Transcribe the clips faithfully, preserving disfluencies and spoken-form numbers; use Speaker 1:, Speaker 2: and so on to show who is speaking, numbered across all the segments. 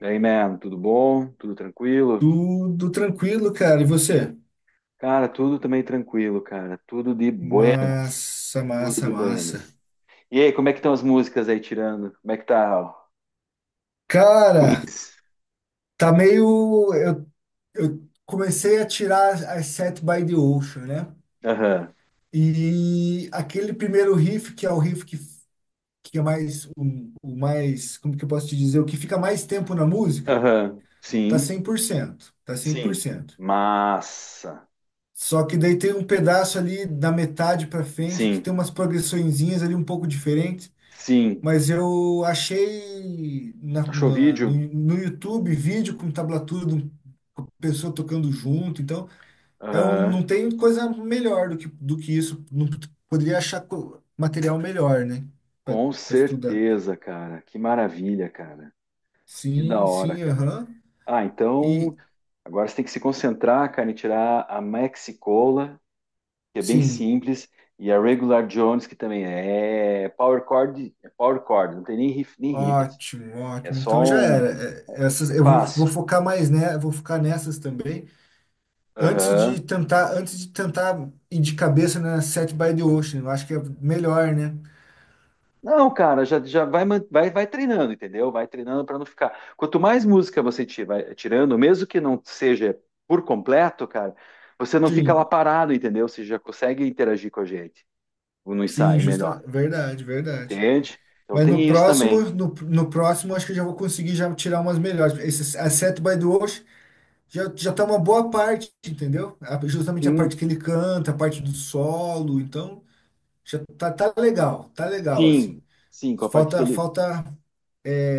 Speaker 1: E aí man, tudo bom? Tudo tranquilo?
Speaker 2: Tudo tranquilo, cara. E você?
Speaker 1: Cara, tudo também tranquilo, cara. Tudo de buenas.
Speaker 2: Massa,
Speaker 1: Tudo
Speaker 2: massa,
Speaker 1: de
Speaker 2: massa.
Speaker 1: buenas. E aí, como é que estão as músicas aí tirando? Como é que tá? Ó?
Speaker 2: Cara,
Speaker 1: Queens.
Speaker 2: tá meio. Eu, eu comecei a tirar as Set by the Ocean, né?
Speaker 1: Aham,
Speaker 2: E aquele primeiro riff, que é o riff que, que é mais. O, o mais. Como que eu posso te dizer? O que fica mais tempo na música,
Speaker 1: aham.
Speaker 2: tá
Speaker 1: Sim,
Speaker 2: cem por cento. Tá cem por
Speaker 1: sim.
Speaker 2: cento.
Speaker 1: Massa.
Speaker 2: Só que daí tem um pedaço ali da metade pra frente que
Speaker 1: Sim,
Speaker 2: tem umas progressõezinhas ali um pouco diferentes.
Speaker 1: sim.
Speaker 2: Mas eu achei na-
Speaker 1: Achou o
Speaker 2: na- no,
Speaker 1: vídeo?
Speaker 2: no YouTube vídeo com tablatura do- com a pessoa tocando junto, então eu
Speaker 1: Aham.
Speaker 2: não tem coisa melhor do que, do que isso. Não p- poderia achar co- material melhor, né? Para
Speaker 1: Com
Speaker 2: estudar.
Speaker 1: certeza, cara. Que maravilha, cara. Que da
Speaker 2: Sim,
Speaker 1: hora,
Speaker 2: sim,
Speaker 1: cara.
Speaker 2: aham.
Speaker 1: Ah, então
Speaker 2: E
Speaker 1: agora você tem que se concentrar, cara, em tirar a Mexicola que é bem
Speaker 2: sim,
Speaker 1: simples, e a Regular Jones, que também é é power chord, é power chord, não tem nem riff, nem riff.
Speaker 2: ótimo,
Speaker 1: É
Speaker 2: ótimo.
Speaker 1: só
Speaker 2: Então já
Speaker 1: um.
Speaker 2: era. É, essas,
Speaker 1: É
Speaker 2: eu vou, vou
Speaker 1: fácil.
Speaker 2: focar mais, né? Vou focar nessas também. Antes de
Speaker 1: Aham.
Speaker 2: tentar, antes de tentar ir de cabeça na Set by the Ocean, eu acho que é melhor, né?
Speaker 1: Não, cara, já, já vai, man- vai, vai treinando, entendeu? Vai treinando para não ficar. Quanto mais música você ti- vai tirando, mesmo que não seja por completo, cara, você não fica lá
Speaker 2: Sim,
Speaker 1: parado, entendeu? Você já consegue interagir com a gente no
Speaker 2: sim,
Speaker 1: ensaio melhor,
Speaker 2: justa, verdade, verdade.
Speaker 1: entende? Então
Speaker 2: Mas no
Speaker 1: tem isso
Speaker 2: próximo,
Speaker 1: também.
Speaker 2: no, no próximo, acho que eu já vou conseguir já tirar umas melhores. Esse A Set by the Ocean já, já tá uma boa parte, entendeu? A- justamente a parte
Speaker 1: Sim,
Speaker 2: que ele canta, a parte do solo, então já tá, tá legal, tá legal,
Speaker 1: sim,
Speaker 2: assim.
Speaker 1: sim, com a parte que
Speaker 2: Falta,
Speaker 1: ele.
Speaker 2: falta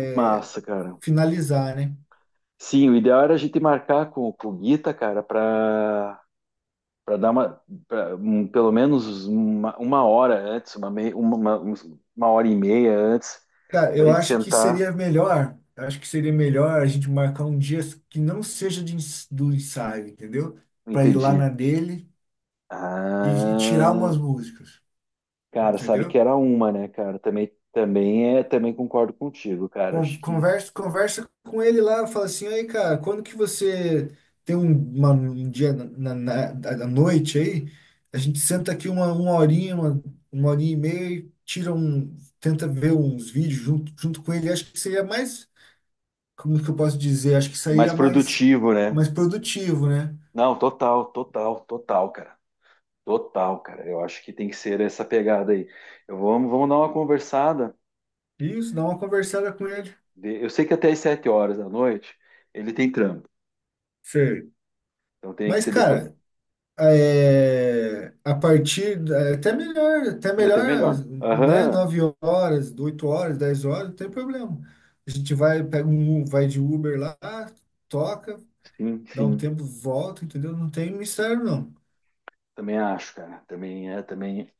Speaker 1: Que massa, cara.
Speaker 2: finalizar, né?
Speaker 1: Sim, o ideal era a gente marcar com, com o Guita, cara, para para dar uma, pra, um, pelo menos uma, uma hora antes, uma, mei- uma, uma, uns- uma hora e meia antes,
Speaker 2: Cara,
Speaker 1: para a
Speaker 2: eu
Speaker 1: gente
Speaker 2: acho que
Speaker 1: sentar.
Speaker 2: seria melhor, eu acho que seria melhor a gente marcar um dia que não seja de ens- do ensaio, entendeu? Para ir lá
Speaker 1: Entendi.
Speaker 2: na dele e, e
Speaker 1: Ah,
Speaker 2: tirar umas músicas,
Speaker 1: cara, sabe que
Speaker 2: entendeu?
Speaker 1: era uma, né, cara? Também, também é, também concordo contigo, cara.
Speaker 2: Con-
Speaker 1: Acho que
Speaker 2: Conversa, conversa com ele lá, fala assim, aí, cara, quando que você tem um, uma- um dia na, na, na- à noite aí, a gente senta aqui uma, uma horinha, uma, uma horinha e meia e tira um, tenta ver uns vídeos junto, junto com ele. Acho que seria mais, como que eu posso dizer? Acho que
Speaker 1: mais
Speaker 2: seria mais,
Speaker 1: produtivo, né?
Speaker 2: mais produtivo, né?
Speaker 1: Não, total, total, total, cara. Total, cara. Eu acho que tem que ser essa pegada aí. Eu vou, vamos dar uma conversada.
Speaker 2: Isso, dá uma conversada com ele.
Speaker 1: De- Eu sei que até as sete horas da noite ele tem trampo.
Speaker 2: Sei.
Speaker 1: Então tem que
Speaker 2: Mas,
Speaker 1: ser depois.
Speaker 2: cara, é, a partir da- até melhor, até
Speaker 1: É até
Speaker 2: melhor,
Speaker 1: melhor.
Speaker 2: né?
Speaker 1: Aham.
Speaker 2: Nove horas, 8 horas, dez horas, não tem problema. A gente vai, pega um, U- vai de Uber lá, toca,
Speaker 1: Sim,
Speaker 2: dá um
Speaker 1: sim.
Speaker 2: tempo, volta, entendeu? Não tem mistério, não.
Speaker 1: Também acho, cara. Também é, também.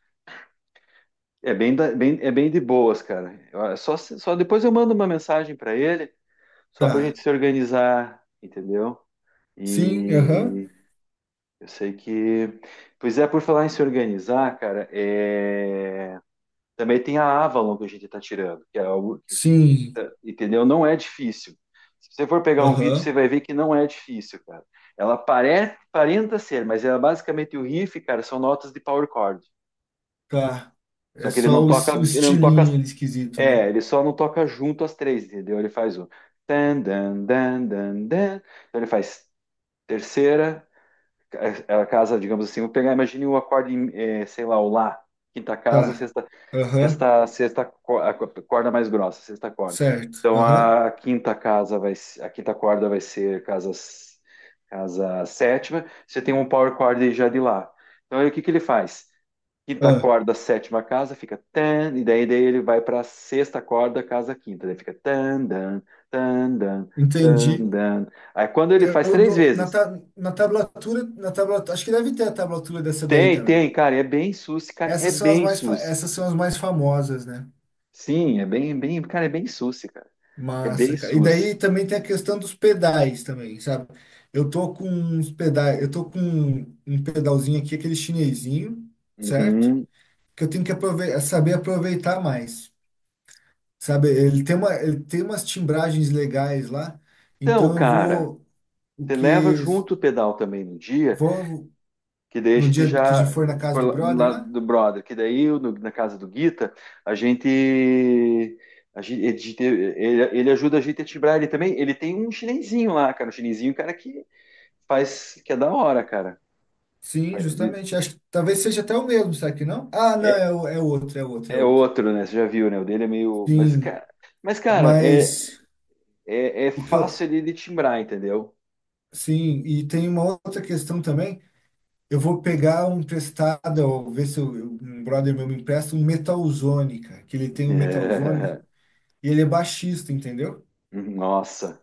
Speaker 1: É bem, da- bem- é bem de boas, cara. Eu- é só, se- só depois eu mando uma mensagem para ele, só pra
Speaker 2: Tá.
Speaker 1: gente se organizar, entendeu?
Speaker 2: Sim, aham.
Speaker 1: E eu sei que. Pois é, por falar em se organizar, cara, é... também tem a Avalon que a gente tá tirando, que é algo.
Speaker 2: Sim,
Speaker 1: Entendeu? Não é difícil. Se você for pegar um vídeo,
Speaker 2: aham.
Speaker 1: você vai ver que não é difícil, cara. Ela parece, parenta ser, mas ela basicamente o riff, cara, são notas de power chord.
Speaker 2: Tá.
Speaker 1: Só
Speaker 2: É
Speaker 1: que ele não
Speaker 2: só o,
Speaker 1: toca,
Speaker 2: es- o
Speaker 1: ele não toca,
Speaker 2: estilinho ali esquisito, né?
Speaker 1: é, ele só não toca junto as três, entendeu? Ele faz o dan dan dan dan dan. Então ele faz terceira, a a casa, digamos assim, vou pegar, imagine o acorde, em, eh, sei lá, o lá, quinta casa,
Speaker 2: Tá.
Speaker 1: sexta,
Speaker 2: Aham.
Speaker 1: sexta, sexta co- a co- corda mais grossa, sexta corda.
Speaker 2: Certo.
Speaker 1: Então
Speaker 2: Aham.
Speaker 1: a quinta casa vai, se- a quinta corda vai ser casa, s- casa sétima. Você tem um power chord já de lá. Então aí o que que ele faz? Quinta
Speaker 2: Ah,
Speaker 1: corda, sétima casa, fica tan, e daí, daí ele vai para sexta corda, casa quinta, daí fica tan, dan, tan, dan, tan,
Speaker 2: entendi.
Speaker 1: dan. Aí quando ele faz
Speaker 2: Eu,
Speaker 1: três
Speaker 2: dou- na,
Speaker 1: vezes.
Speaker 2: ta- na tablatura, na tablatura, acho que deve ter a tablatura dessa daí
Speaker 1: Tem,
Speaker 2: também.
Speaker 1: tem, cara, é bem suci, cara, é
Speaker 2: Essas são as
Speaker 1: bem
Speaker 2: mais, fa-
Speaker 1: suci.
Speaker 2: essas são as mais famosas, né?
Speaker 1: Sim, é bem, bem, cara, é bem suci, cara. É bem
Speaker 2: Massa, cara. E
Speaker 1: suci.
Speaker 2: daí também tem a questão dos pedais também, sabe? Eu tô com uns pedais, eu tô com um pedalzinho aqui, aquele chinesinho, certo?
Speaker 1: Uhum.
Speaker 2: Que eu tenho que aprove- saber aproveitar mais, sabe? Ele tem uma, ele tem umas timbragens legais lá,
Speaker 1: Então,
Speaker 2: então eu
Speaker 1: cara,
Speaker 2: vou, o
Speaker 1: você leva
Speaker 2: que,
Speaker 1: junto o pedal também no dia,
Speaker 2: vou
Speaker 1: que daí a
Speaker 2: no
Speaker 1: gente
Speaker 2: dia que a gente
Speaker 1: já,
Speaker 2: for na casa
Speaker 1: por
Speaker 2: do
Speaker 1: lá
Speaker 2: brother
Speaker 1: lá
Speaker 2: lá,
Speaker 1: do brother, que daí eu, no- na casa do Guita, a gente, a gente, a gente- ele, ele ajuda a gente a tibrar ele também, ele tem um chinesinho lá, cara, um chinesinho, cara, que faz, que é da hora, cara.
Speaker 2: sim, justamente. Acho que talvez seja até o mesmo, será que não? Ah, não, é, o- é outro, é outro, é
Speaker 1: É
Speaker 2: outro.
Speaker 1: outro, né? Você já viu, né? O dele é meio. Mas,
Speaker 2: Sim,
Speaker 1: cara, mas, cara é,
Speaker 2: mas
Speaker 1: é, é
Speaker 2: o que
Speaker 1: fácil
Speaker 2: eu.
Speaker 1: ele de timbrar, entendeu?
Speaker 2: Sim, e tem uma outra questão também. Eu vou pegar um emprestado, ou ver se eu, um brother meu me empresta um Metalzone, cara, que ele tem um Metalzone
Speaker 1: É.
Speaker 2: e ele é baixista, entendeu?
Speaker 1: Nossa,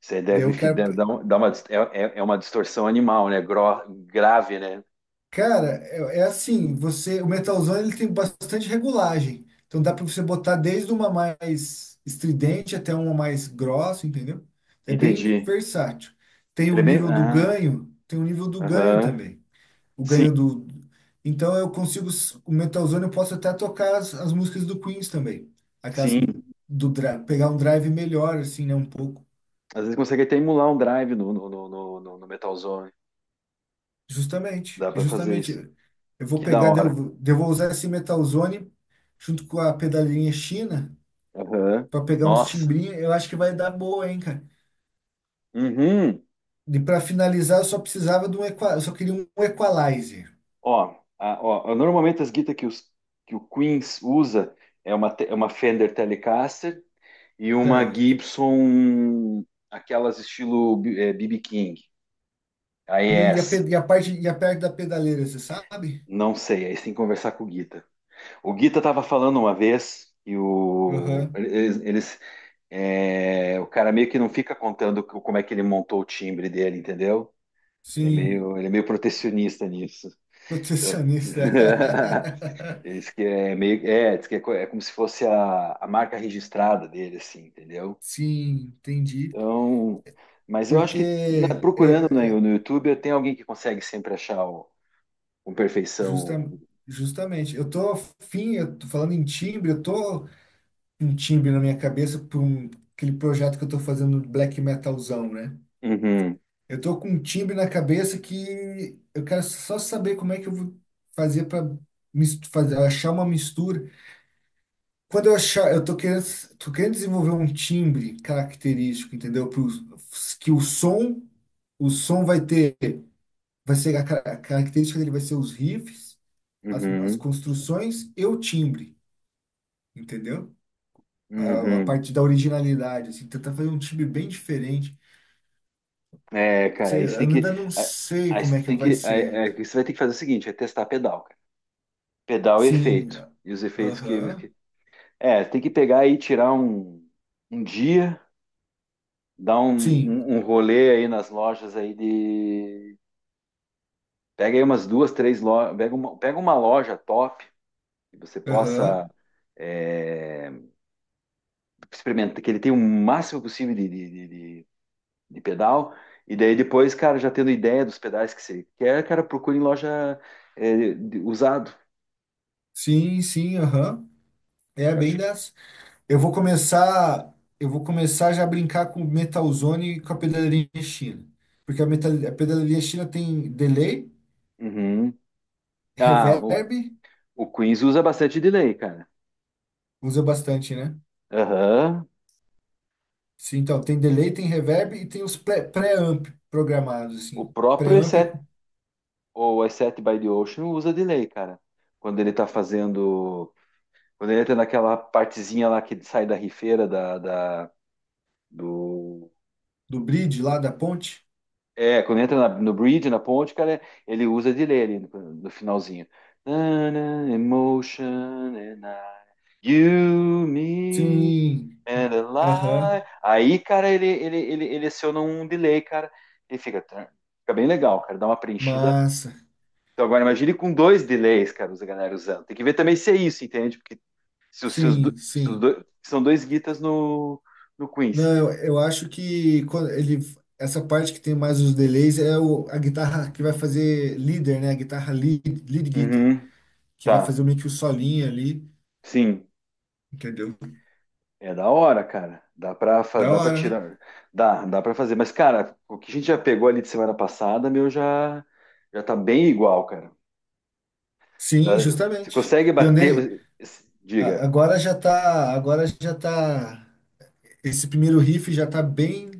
Speaker 1: você
Speaker 2: Daí
Speaker 1: deve
Speaker 2: eu
Speaker 1: fi-
Speaker 2: quero.
Speaker 1: deve dar um- dar uma, dis- é, é- é uma distorção animal, né? Gro, grave, né?
Speaker 2: Cara, é, é assim, você, o metalzão ele tem bastante regulagem. Então dá para você botar desde uma mais estridente até uma mais grossa, entendeu? É bem
Speaker 1: Entendi.
Speaker 2: versátil. Tem
Speaker 1: Ele
Speaker 2: o
Speaker 1: é bem.
Speaker 2: nível do
Speaker 1: Ah,
Speaker 2: ganho, tem o nível do ganho
Speaker 1: aham.
Speaker 2: também. O
Speaker 1: Sim,
Speaker 2: ganho do. Então eu consigo s- o metalzão eu posso até tocar as, as músicas do Queens também. Aquelas do,
Speaker 1: sim.
Speaker 2: do dra- pegar um drive melhor assim, né, um pouco.
Speaker 1: Às vezes consegue até emular um drive no, no, no, no, no- no Metal Zone.
Speaker 2: Justamente,
Speaker 1: Dá pra fazer
Speaker 2: justamente.
Speaker 1: isso.
Speaker 2: Eu vou
Speaker 1: Que da
Speaker 2: pegar, daí eu
Speaker 1: hora.
Speaker 2: vou daí eu vou usar esse Metalzone junto com a pedalinha China
Speaker 1: Aham.
Speaker 2: para pegar uns
Speaker 1: Nossa.
Speaker 2: timbrinhos. Eu acho que vai dar boa, hein, cara.
Speaker 1: Uhum.
Speaker 2: E para finalizar, eu só precisava de um equa... eu só queria um equalizer,
Speaker 1: Ó, a- ó, normalmente as guitas que, os, que o Queens usa é uma, te- é uma Fender Telecaster e uma
Speaker 2: certo?
Speaker 1: Gibson, aquelas estilo B- eh, B B King,
Speaker 2: E, o- e, a,
Speaker 1: A E S.
Speaker 2: pe- e a parte e a parte da pedaleira, você sabe?
Speaker 1: Não sei, aí você tem que conversar com o Guita. O Guita estava falando uma vez e o,
Speaker 2: Aham.
Speaker 1: eles, eles, eh, o cara meio que não fica contando co- como é que ele montou o timbre dele, entendeu? Ele é
Speaker 2: Sim,
Speaker 1: meio, ele é meio protecionista nisso. Então...
Speaker 2: protecionista.
Speaker 1: Diz que é meio, é, diz que é, co- é como se fosse a, a marca registrada dele, assim, entendeu?
Speaker 2: Sim, entendi.
Speaker 1: Então, mas eu acho que na-
Speaker 2: Porque
Speaker 1: procurando
Speaker 2: é,
Speaker 1: no, no YouTube tem alguém que consegue sempre achar o- com perfeição.
Speaker 2: justa,
Speaker 1: O-
Speaker 2: justamente, eu tô afim, eu tô falando em timbre, eu tô um timbre na minha cabeça por um- aquele projeto que eu tô fazendo black metalzão, né?
Speaker 1: Uhum,
Speaker 2: Eu tô com um timbre na cabeça que eu quero só saber como é que eu vou fazer para fazer, achar uma mistura. Quando eu achar, eu tô querendo, tô querendo desenvolver um timbre característico, entendeu? Pro, que o som, o som vai ter, vai ser a, ca- a característica dele vai ser os riffs, as, as
Speaker 1: uhum,
Speaker 2: construções e o timbre, entendeu? a, a
Speaker 1: uhum.
Speaker 2: parte da originalidade, assim, tentar fazer um time bem diferente.
Speaker 1: É, cara,
Speaker 2: Sei,
Speaker 1: aí você
Speaker 2: eu
Speaker 1: tem que,
Speaker 2: ainda não
Speaker 1: a-
Speaker 2: sei
Speaker 1: aí
Speaker 2: como é
Speaker 1: você
Speaker 2: que
Speaker 1: tem
Speaker 2: vai
Speaker 1: que, aí-
Speaker 2: ser ainda.
Speaker 1: é que você vai ter que fazer o seguinte, é testar pedal, cara. Pedal e
Speaker 2: Sim,
Speaker 1: efeito e os efeitos que,
Speaker 2: aham,
Speaker 1: que- é, tem que pegar e tirar um, um dia, dar um,
Speaker 2: sim,
Speaker 1: um, um rolê aí nas lojas aí de. Pega aí umas duas, três lojas, pega uma, pega uma loja top que você
Speaker 2: aham,
Speaker 1: possa é, experimentar, que ele tenha o máximo possível de, de, de- de- de pedal, e daí depois, cara, já tendo ideia dos pedais que você quer, cara, procure em loja é, de- usado,
Speaker 2: sim, sim, aham. É
Speaker 1: que eu
Speaker 2: bem
Speaker 1: acho.
Speaker 2: dessa. Eu vou começar, eu vou começar já a brincar com o Metalzone e com a pedaleria China. Porque a, metal, a pedaleria China tem delay,
Speaker 1: Uhum. Ah, o,
Speaker 2: reverb,
Speaker 1: o Queens usa bastante delay, cara.
Speaker 2: usa bastante, né?
Speaker 1: Aham.
Speaker 2: Sim, então, tem delay, tem reverb e tem os pré- pré-amp programados,
Speaker 1: O
Speaker 2: assim.
Speaker 1: próprio
Speaker 2: Pré-amp é
Speaker 1: E sete, ou E sete by the Ocean usa delay, cara. Quando ele tá fazendo. Quando ele entra naquela partezinha lá que sai da rifeira da, da- do.
Speaker 2: do bridge lá da ponte?
Speaker 1: É, quando entra na- no bridge, na ponte, cara, ele usa de ler ali no, no finalzinho. Na-na, emotion and I, you, me
Speaker 2: Sim,
Speaker 1: and a
Speaker 2: aham,
Speaker 1: lie. Aí, cara, ele, ele, ele, ele aciona um delay, cara. Ele fica, fica bem legal, cara. Dá uma preenchida.
Speaker 2: massa.
Speaker 1: Então agora imagine com dois delays, cara, os galera usando. Tem que ver também se é isso, entende? Porque se os, se os do-
Speaker 2: Sim,
Speaker 1: se os
Speaker 2: sim.
Speaker 1: do- são dois guitas no, no Queens.
Speaker 2: Não, eu eu acho que quando ele, essa parte que tem mais os delays é o, a guitarra que vai fazer leader, né? A guitarra lead, lead guitar,
Speaker 1: Uhum,
Speaker 2: que vai fazer
Speaker 1: tá.
Speaker 2: meio que o solinho ali,
Speaker 1: Sim,
Speaker 2: entendeu?
Speaker 1: é da hora, cara. Dá pra, fa-
Speaker 2: Da
Speaker 1: dá pra
Speaker 2: hora, né?
Speaker 1: tirar. Dá, dá pra fazer. Mas, cara, o que a gente já pegou ali de semana passada, meu, já, já tá bem igual, cara. Tá-
Speaker 2: Sim,
Speaker 1: Você
Speaker 2: justamente.
Speaker 1: consegue
Speaker 2: E eu nem,
Speaker 1: bater.
Speaker 2: a-
Speaker 1: Diga.
Speaker 2: agora já tá, agora já tá, esse primeiro riff já tá bem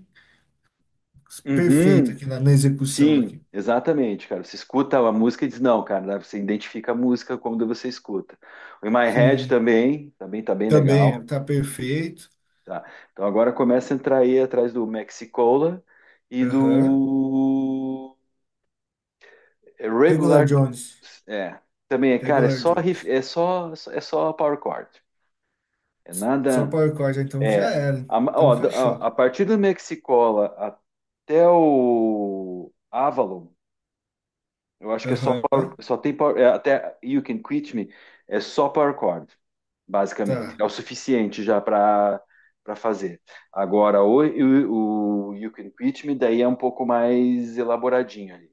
Speaker 2: perfeito
Speaker 1: Uhum,
Speaker 2: aqui na, na execução
Speaker 1: sim,
Speaker 2: aqui.
Speaker 1: exatamente, cara. Você escuta a música e diz, não, cara, você identifica a música quando você escuta. O In My Head
Speaker 2: Sim,
Speaker 1: também, também tá bem legal.
Speaker 2: também tá perfeito.
Speaker 1: Tá. Então agora começa a entrar aí atrás do Mexicola e
Speaker 2: Aham.
Speaker 1: do
Speaker 2: Regular
Speaker 1: Regular.
Speaker 2: Jones.
Speaker 1: É, também é, cara, é
Speaker 2: Regular
Speaker 1: só riff-
Speaker 2: Jones.
Speaker 1: é só é só power chord. É
Speaker 2: Só
Speaker 1: nada
Speaker 2: Power Chord, então
Speaker 1: é
Speaker 2: já era.
Speaker 1: a,
Speaker 2: Então
Speaker 1: ó, da- a,
Speaker 2: fechou.
Speaker 1: a partir do Mexicola até o Avalon eu acho que é só power,
Speaker 2: Aham.
Speaker 1: só tem power, é, até You Can Quit Me é só power chord, basicamente.
Speaker 2: Tá.
Speaker 1: É o suficiente já para para fazer. Agora o, o, o You Can Quit Me daí é um pouco mais elaboradinho ali.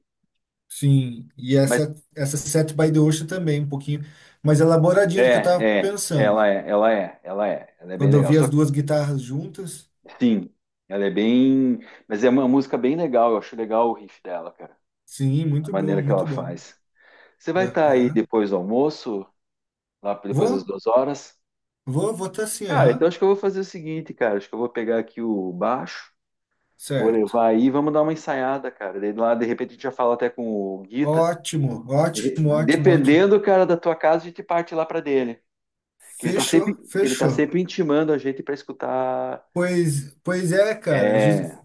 Speaker 2: Sim. E
Speaker 1: Mas
Speaker 2: essa, essa Set by the Ocean também, um pouquinho mais elaboradinha do que eu tava
Speaker 1: é, é, ela
Speaker 2: pensando.
Speaker 1: é, ela é, ela é, ela é bem
Speaker 2: Quando eu
Speaker 1: legal.
Speaker 2: vi
Speaker 1: Só
Speaker 2: as
Speaker 1: que,
Speaker 2: duas guitarras juntas.
Speaker 1: sim, ela é bem, mas é uma música bem legal, eu acho legal o riff dela, cara,
Speaker 2: Sim,
Speaker 1: a
Speaker 2: muito bom,
Speaker 1: maneira que
Speaker 2: muito
Speaker 1: ela
Speaker 2: bom.
Speaker 1: faz. Você vai estar aí
Speaker 2: Aham.
Speaker 1: depois do almoço, lá depois
Speaker 2: Vou,
Speaker 1: das duas horas?
Speaker 2: vou, vou tá assim,
Speaker 1: Cara, então
Speaker 2: aham.
Speaker 1: acho que eu vou fazer o seguinte, cara. Acho que eu vou pegar aqui o baixo, vou
Speaker 2: Certo.
Speaker 1: levar aí, vamos dar uma ensaiada, cara. Daí lá, de repente, a gente já fala até com o Guita.
Speaker 2: Ótimo,
Speaker 1: De-
Speaker 2: ótimo, ótimo, ótimo.
Speaker 1: Dependendo, cara, da tua casa, a gente parte lá pra dele. Que ele tá sempre,
Speaker 2: Fechou,
Speaker 1: que ele tá
Speaker 2: fechou.
Speaker 1: sempre intimando a gente pra escutar.
Speaker 2: Pois, pois é, cara. Jus-
Speaker 1: É,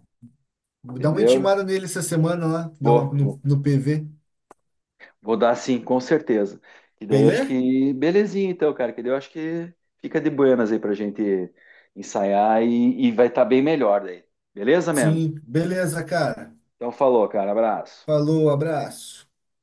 Speaker 2: Dá uma
Speaker 1: entendeu?
Speaker 2: intimada nele essa semana lá, dá uma,
Speaker 1: Vou, vou,
Speaker 2: no, no P V.
Speaker 1: vou dar sim, com certeza. E daí acho
Speaker 2: Beleza?
Speaker 1: que belezinha, então, cara. Que daí eu acho que fica de buenas aí pra gente ensaiar e, e vai estar bem melhor daí. Beleza, mano?
Speaker 2: Sim, beleza, cara.
Speaker 1: Então falou, cara. Abraço.
Speaker 2: Falou, abraço.